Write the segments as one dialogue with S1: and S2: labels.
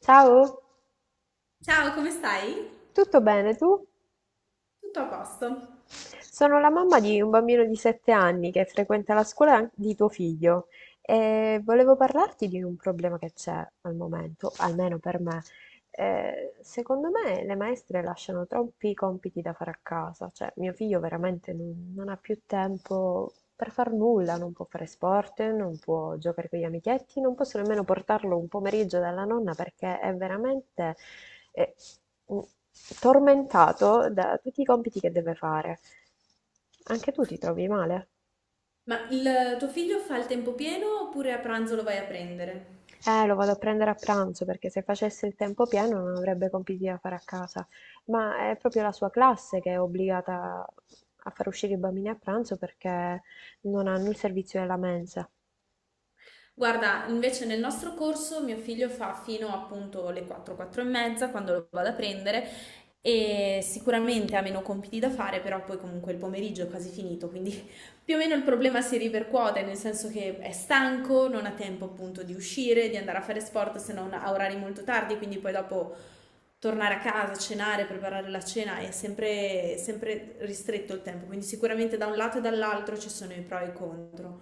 S1: Ciao,
S2: Ciao, come stai?
S1: tutto bene tu?
S2: Tutto a posto.
S1: Sono la mamma di un bambino di 7 anni che frequenta la scuola an- di tuo figlio e volevo parlarti di un problema che c'è al momento, almeno per me. Secondo me le maestre lasciano troppi compiti da fare a casa, cioè mio figlio veramente non ha più tempo per far nulla, non può fare sport, non può giocare con gli amichetti, non posso nemmeno portarlo un pomeriggio dalla nonna perché è veramente eh, mm, tormentato da tutti i compiti che deve fare. Anche tu ti trovi male?
S2: Ma il tuo figlio fa il tempo pieno oppure a pranzo lo vai a prendere?
S1: Lo vado a prendere a pranzo perché se facesse il tempo pieno non avrebbe compiti da fare a casa, ma è proprio la sua classe che è obbligata a far uscire i bambini a pranzo perché non hanno il servizio della mensa.
S2: Guarda, invece nel nostro corso mio figlio fa fino appunto alle 4, 4 e mezza quando lo vado a prendere e sicuramente ha meno compiti da fare, però poi comunque il pomeriggio è quasi finito, quindi più o meno il problema si ripercuote, nel senso che è stanco, non ha tempo appunto di uscire, di andare a fare sport se non a orari molto tardi, quindi poi dopo tornare a casa, cenare, preparare la cena è sempre, sempre ristretto il tempo, quindi sicuramente da un lato e dall'altro ci sono i pro e i contro.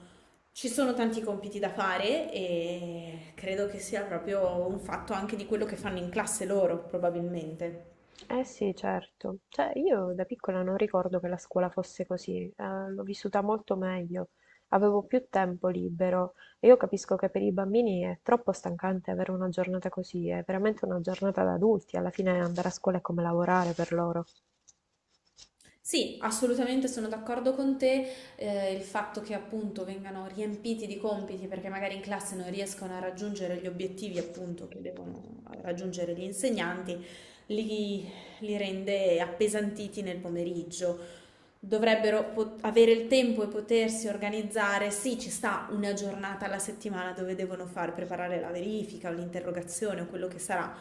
S2: Ci sono tanti compiti da fare e credo che sia proprio un fatto anche di quello che fanno in classe loro, probabilmente.
S1: Eh sì, certo. Cioè, io da piccola non ricordo che la scuola fosse così, l'ho vissuta molto meglio, avevo più tempo libero e io capisco che per i bambini è troppo stancante avere una giornata così, è veramente una giornata da adulti, alla fine andare a scuola è come lavorare per loro.
S2: Sì, assolutamente sono d'accordo con te, il fatto che appunto vengano riempiti di compiti perché magari in classe non riescono a raggiungere gli obiettivi appunto che devono raggiungere gli insegnanti, li, li rende appesantiti nel pomeriggio. Dovrebbero avere il tempo e potersi organizzare. Sì, ci sta una giornata alla settimana dove devono far preparare la verifica o l'interrogazione o quello che sarà,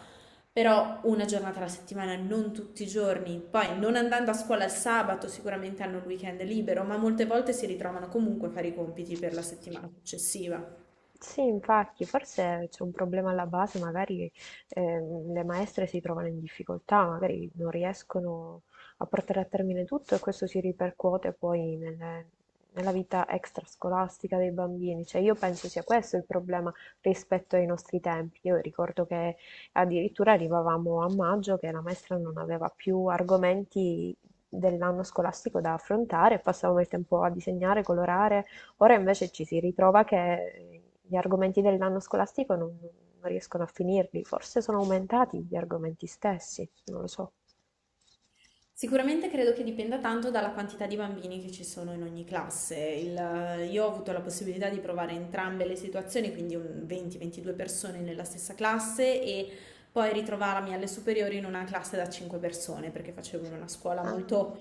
S2: però una giornata alla settimana, non tutti i giorni. Poi non andando a scuola il sabato sicuramente hanno il weekend libero, ma molte volte si ritrovano comunque a fare i compiti per la settimana successiva.
S1: Sì, infatti, forse c'è un problema alla base, magari le maestre si trovano in difficoltà, magari non riescono a portare a termine tutto e questo si ripercuote poi nella vita extrascolastica dei bambini. Cioè, io penso sia questo il problema rispetto ai nostri tempi. Io ricordo che addirittura arrivavamo a maggio che la maestra non aveva più argomenti dell'anno scolastico da affrontare, e passavamo il tempo a disegnare, colorare. Ora invece ci si ritrova che gli argomenti dell'anno scolastico non riescono a finirli, forse sono aumentati gli argomenti stessi, non lo so.
S2: Sicuramente credo che dipenda tanto dalla quantità di bambini che ci sono in ogni classe. Io ho avuto la possibilità di provare entrambe le situazioni, quindi un 20-22 persone nella stessa classe e poi ritrovarmi alle superiori in una classe da 5 persone, perché facevo in una scuola
S1: Ah.
S2: molto,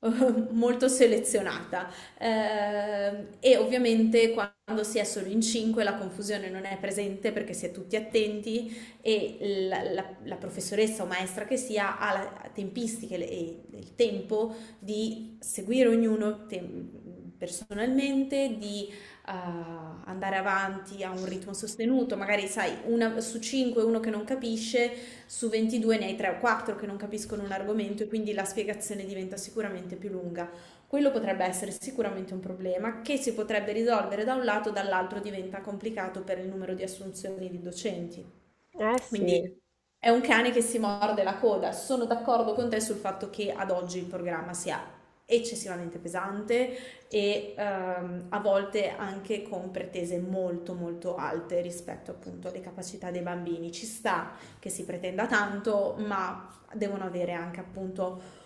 S2: molto selezionata. E ovviamente quando si è solo in 5 la confusione non è presente perché si è tutti attenti e la professoressa o maestra che sia ha la tempistica e il tempo di seguire ognuno personalmente, di andare avanti a un ritmo sostenuto, magari sai, una, su 5 uno che non capisce, su 22 ne hai 3 o 4 che non capiscono un argomento e quindi la spiegazione diventa sicuramente più lunga. Quello potrebbe essere sicuramente un problema che si potrebbe risolvere da un lato, dall'altro diventa complicato per il numero di assunzioni di docenti.
S1: Eh sì.
S2: Quindi è un cane che si morde la coda. Sono d'accordo con te sul fatto che ad oggi il programma sia eccessivamente pesante e a volte anche con pretese molto molto alte rispetto appunto alle capacità dei bambini. Ci sta che si pretenda tanto, ma devono avere anche appunto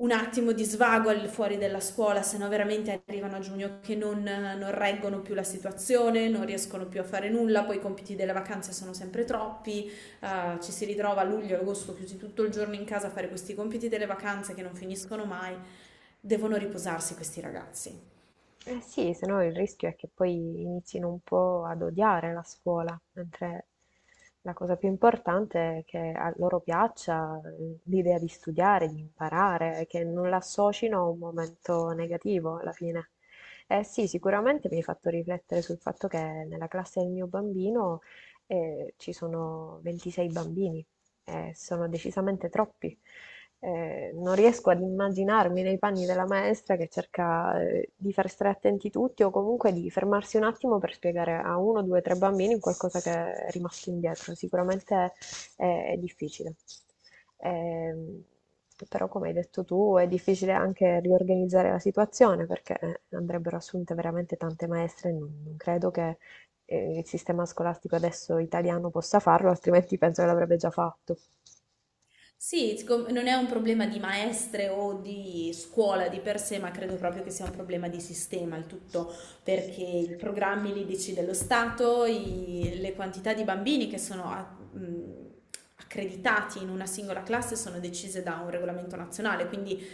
S2: un attimo di svago al fuori della scuola, se no veramente arrivano a giugno che non, non reggono più la situazione, non riescono più a fare nulla, poi i compiti delle vacanze sono sempre troppi, ci si ritrova a luglio e agosto chiusi tutto il giorno in casa a fare questi compiti delle vacanze che non finiscono mai. Devono riposarsi questi ragazzi.
S1: Eh sì, se no il rischio è che poi inizino un po' ad odiare la scuola, mentre la cosa più importante è che a loro piaccia l'idea di studiare, di imparare, che non l'associno a un momento negativo alla fine. Eh sì, sicuramente mi hai fatto riflettere sul fatto che nella classe del mio bambino ci sono 26 bambini, e sono decisamente troppi non riesco ad immaginarmi nei panni della maestra che cerca di far stare attenti tutti o comunque di fermarsi un attimo per spiegare a uno, due, tre bambini qualcosa che è rimasto indietro. Sicuramente è difficile. Ehm, Però, come hai detto tu, è difficile anche riorganizzare la situazione perché andrebbero assunte veramente tante maestre. Non credo che il sistema scolastico adesso italiano possa farlo, altrimenti penso che l'avrebbe già fatto.
S2: Sì, siccome non è un problema di maestre o di scuola di per sé, ma credo proprio che sia un problema di sistema il tutto, perché i programmi li decide lo Stato, le quantità di bambini che sono mh, accreditati in una singola classe sono decise da un regolamento nazionale, quindi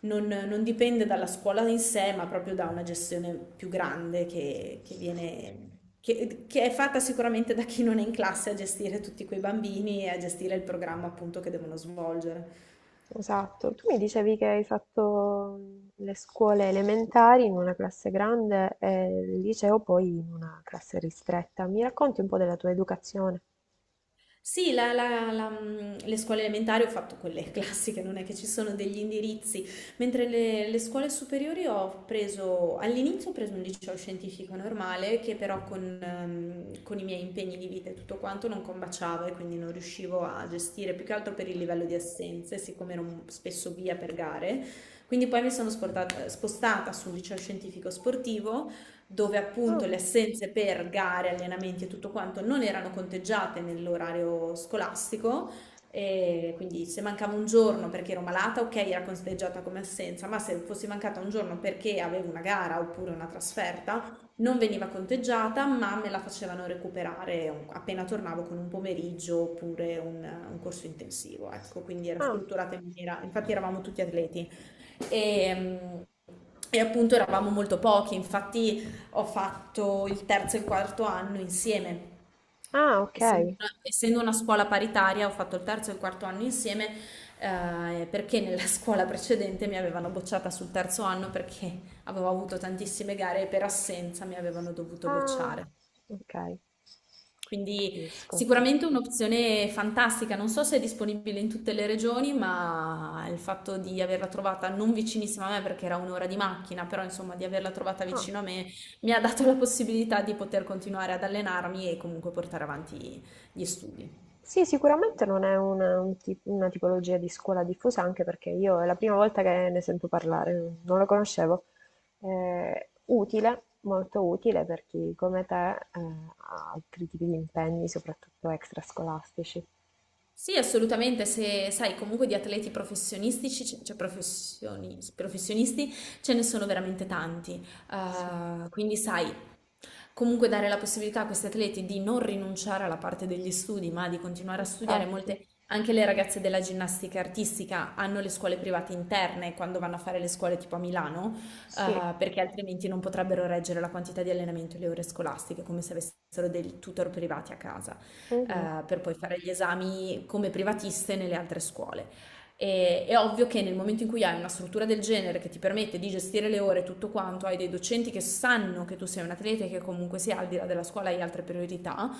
S2: non, non dipende dalla scuola in sé, ma proprio da una gestione più grande che viene, che è fatta sicuramente da chi non è in classe a gestire tutti quei bambini e a gestire il programma appunto che devono svolgere.
S1: Esatto. Tu mi dicevi che hai fatto le scuole elementari in una classe grande e il liceo poi in una classe ristretta. Mi racconti un po' della tua educazione?
S2: Sì, le scuole elementari ho fatto quelle classiche, non è che ci sono degli indirizzi, mentre le scuole superiori ho preso, all'inizio ho preso un liceo scientifico normale che però con i miei impegni di vita e tutto quanto non combaciava e quindi non riuscivo a gestire, più che altro per il livello di assenze, siccome ero spesso via per gare, quindi poi mi sono spostata sul liceo scientifico sportivo dove
S1: Ah,
S2: appunto le assenze per gare, allenamenti e tutto quanto non erano conteggiate nell'orario scolastico. E quindi se mancava un giorno perché ero malata, ok, era conteggiata come assenza, ma se fossi mancata un giorno perché avevo una gara oppure una trasferta, non veniva conteggiata, ma me la facevano recuperare appena tornavo con un pomeriggio oppure un corso intensivo. Ecco, quindi era
S1: ah,
S2: strutturata in maniera, infatti eravamo tutti atleti. E, mm, e appunto eravamo molto pochi, infatti ho fatto il terzo e il quarto anno insieme.
S1: ah, ok.
S2: Essendo una scuola paritaria, ho fatto il terzo e il quarto anno insieme, perché nella scuola precedente mi avevano bocciata sul terzo anno perché avevo avuto tantissime gare e per assenza mi avevano dovuto
S1: Ah,
S2: bocciare.
S1: ok,
S2: Quindi
S1: capisco.
S2: sicuramente un'opzione fantastica, non so se è disponibile in tutte le regioni, ma il fatto di averla trovata non vicinissima a me perché era 1 ora di macchina, però insomma di averla trovata
S1: Ah.
S2: vicino a me mi ha dato la possibilità di poter continuare ad allenarmi e comunque portare avanti gli studi.
S1: Sì, sicuramente non è un una tipologia di scuola diffusa, anche perché io è la prima volta che ne sento parlare, non la conoscevo. Utile, molto utile per chi come te ha altri tipi di impegni, soprattutto extrascolastici.
S2: Sì, assolutamente, se sai comunque di atleti professionistici, professionisti, ce ne sono veramente tanti.
S1: Sì.
S2: Quindi sai, comunque dare la possibilità a questi atleti di non rinunciare alla parte degli studi, ma di continuare a studiare.
S1: Infatti,
S2: Molte, anche le ragazze della ginnastica artistica hanno le scuole private interne quando vanno a fare le scuole tipo a Milano,
S1: sì.
S2: perché altrimenti non potrebbero reggere la quantità di allenamento e le ore scolastiche, come se avessero dei tutor privati a casa,
S1: Mhm.
S2: per poi fare gli esami come privatiste nelle altre scuole. E, è ovvio che nel momento in cui hai una struttura del genere che ti permette di gestire le ore e tutto quanto, hai dei docenti che sanno che tu sei un atleta e che comunque sia al di là della scuola hai altre priorità,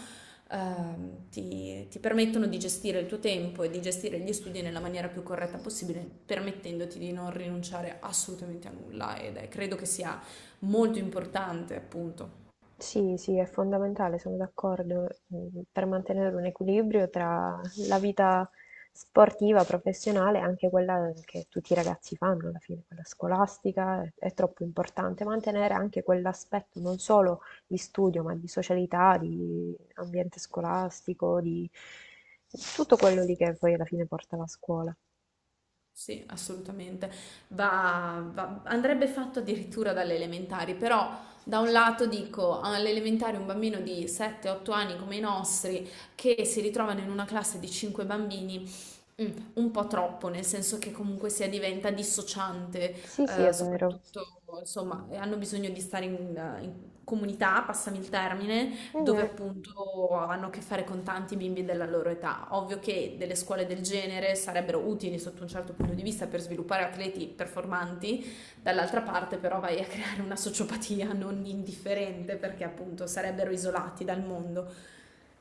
S2: ti permettono di gestire il tuo tempo e di gestire gli studi nella maniera più corretta possibile, permettendoti di non rinunciare assolutamente a nulla ed è, credo che sia molto importante appunto.
S1: Sì, sì, è fondamentale, sono d'accordo, per mantenere un equilibrio tra la vita sportiva, professionale e anche quella che tutti i ragazzi fanno alla fine, quella scolastica, è troppo importante mantenere anche quell'aspetto non solo di studio, ma di socialità, di ambiente scolastico, di tutto quello lì che poi alla fine porta la scuola.
S2: Sì, assolutamente. Andrebbe fatto addirittura dalle elementari, però da un lato dico alle elementari un bambino di 7-8 anni come i nostri che si ritrovano in una classe di 5 bambini. Mm, un po' troppo, nel senso che comunque sia diventa dissociante,
S1: Sì, sì, è vero.
S2: soprattutto insomma, hanno bisogno di stare in comunità, passami il termine, dove
S1: Mhm.
S2: appunto hanno a che fare con tanti bimbi della loro età. Ovvio che delle scuole del genere sarebbero utili sotto un certo punto di vista per sviluppare atleti performanti, dall'altra parte però vai creare una sociopatia non indifferente perché appunto sarebbero isolati dal mondo.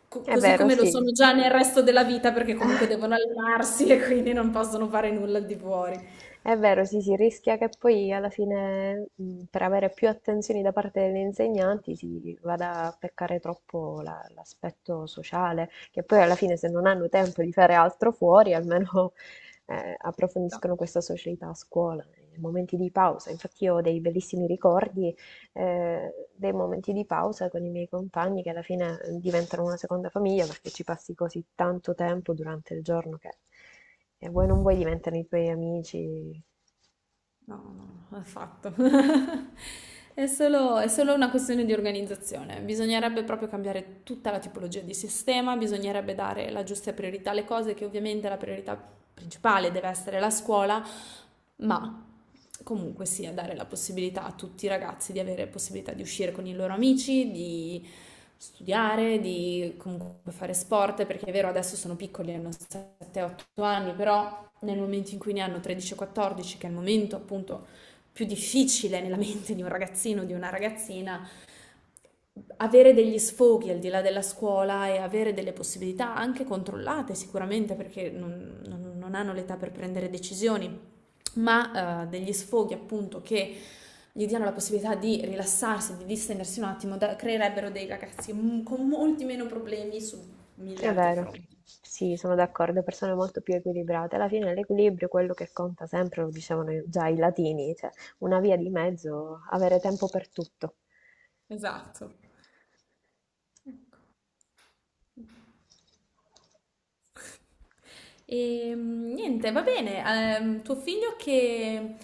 S2: Co-
S1: È
S2: così
S1: vero,
S2: come lo
S1: sì.
S2: sono già nel resto della vita perché comunque devono allenarsi e quindi non possono fare nulla al di fuori.
S1: È vero, sì, si rischia che poi alla fine, per avere più attenzioni da parte degli insegnanti, si vada a peccare troppo l'aspetto sociale, che poi alla fine se non hanno tempo di fare altro fuori, almeno approfondiscono questa socialità a scuola, nei momenti di pausa. Infatti io ho dei bellissimi ricordi dei momenti di pausa con i miei compagni che alla fine diventano una seconda famiglia perché ci passi così tanto tempo durante il giorno che vuoi non vuoi diventano i tuoi amici.
S2: No, no, no, affatto. È solo una questione di organizzazione. Bisognerebbe proprio cambiare tutta la tipologia di sistema, bisognerebbe dare la giusta priorità alle cose, che ovviamente la priorità principale deve essere la scuola, ma comunque sia dare la possibilità a tutti i ragazzi di avere possibilità di uscire con i loro amici, di studiare, di comunque fare sport, perché è vero adesso sono piccoli, hanno 7-8 anni, però nel momento in cui ne hanno 13 o 14, che è il momento appunto più difficile nella mente di un ragazzino o di una ragazzina, avere degli sfoghi al di là della scuola e avere delle possibilità anche controllate sicuramente perché non hanno l'età per prendere decisioni, ma degli sfoghi appunto che gli diano la possibilità di rilassarsi, di distendersi un attimo, creerebbero dei ragazzi con molti meno problemi su mille
S1: È
S2: altri
S1: vero,
S2: fronti.
S1: sì, sono d'accordo, persone molto più equilibrate. Alla fine l'equilibrio è quello che conta sempre, lo dicevano già i latini, cioè una via di mezzo, avere tempo per tutto.
S2: Esatto. E niente, va bene.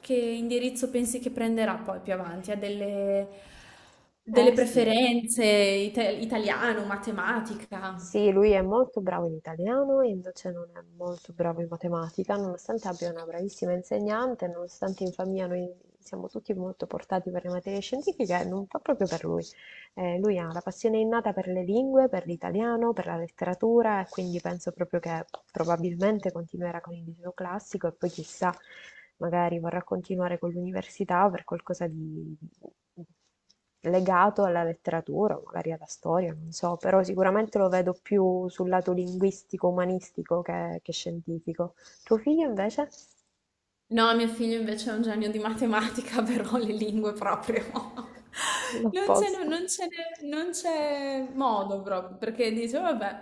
S2: Che indirizzo pensi che prenderà poi più avanti? Ha delle
S1: Eh sì.
S2: preferenze, italiano, matematica?
S1: Sì, lui è molto bravo in italiano e invece non è molto bravo in matematica, nonostante abbia una bravissima insegnante, nonostante in famiglia noi siamo tutti molto portati per le materie scientifiche, non fa proprio per lui. Lui ha la passione innata per le lingue, per l'italiano, per la letteratura e quindi penso proprio che probabilmente continuerà con il liceo classico e poi chissà, magari vorrà continuare con l'università o per qualcosa di legato alla letteratura, o magari alla storia, non so, però sicuramente lo vedo più sul lato linguistico, umanistico che scientifico. Tuo figlio invece?
S2: No, mio figlio invece è un genio di matematica, però le lingue proprio. Non ce n'è
S1: L'opposto.
S2: non ce n'è- Non c'è modo proprio, perché dice, vabbè,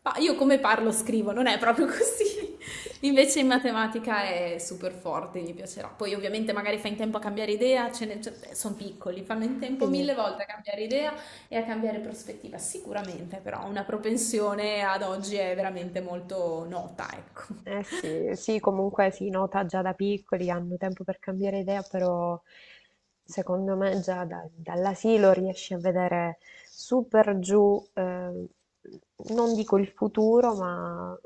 S2: io come parlo scrivo, non è proprio così. Invece in matematica è super forte, gli piacerà. Poi ovviamente magari fa in tempo a cambiare idea, sono piccoli, fanno in tempo
S1: Sì, sì.
S2: mille volte a cambiare idea e a cambiare prospettiva, sicuramente, però una propensione ad oggi è veramente molto nota, ecco.
S1: Eh sì, sì, comunque si nota già da piccoli, hanno tempo per cambiare idea, però secondo me dall'asilo riesci a vedere super giù, non dico il futuro, ma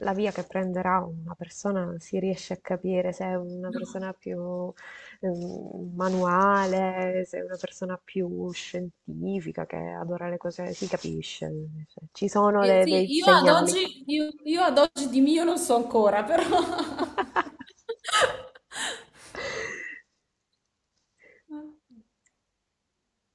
S1: la via che prenderà una persona, si riesce a capire se è una
S2: No.
S1: persona più manuale, se è una persona più scientifica che adora le cose, si capisce, cioè, ci sono
S2: Sì,
S1: dei segnali.
S2: io ad oggi di mio non so ancora, però...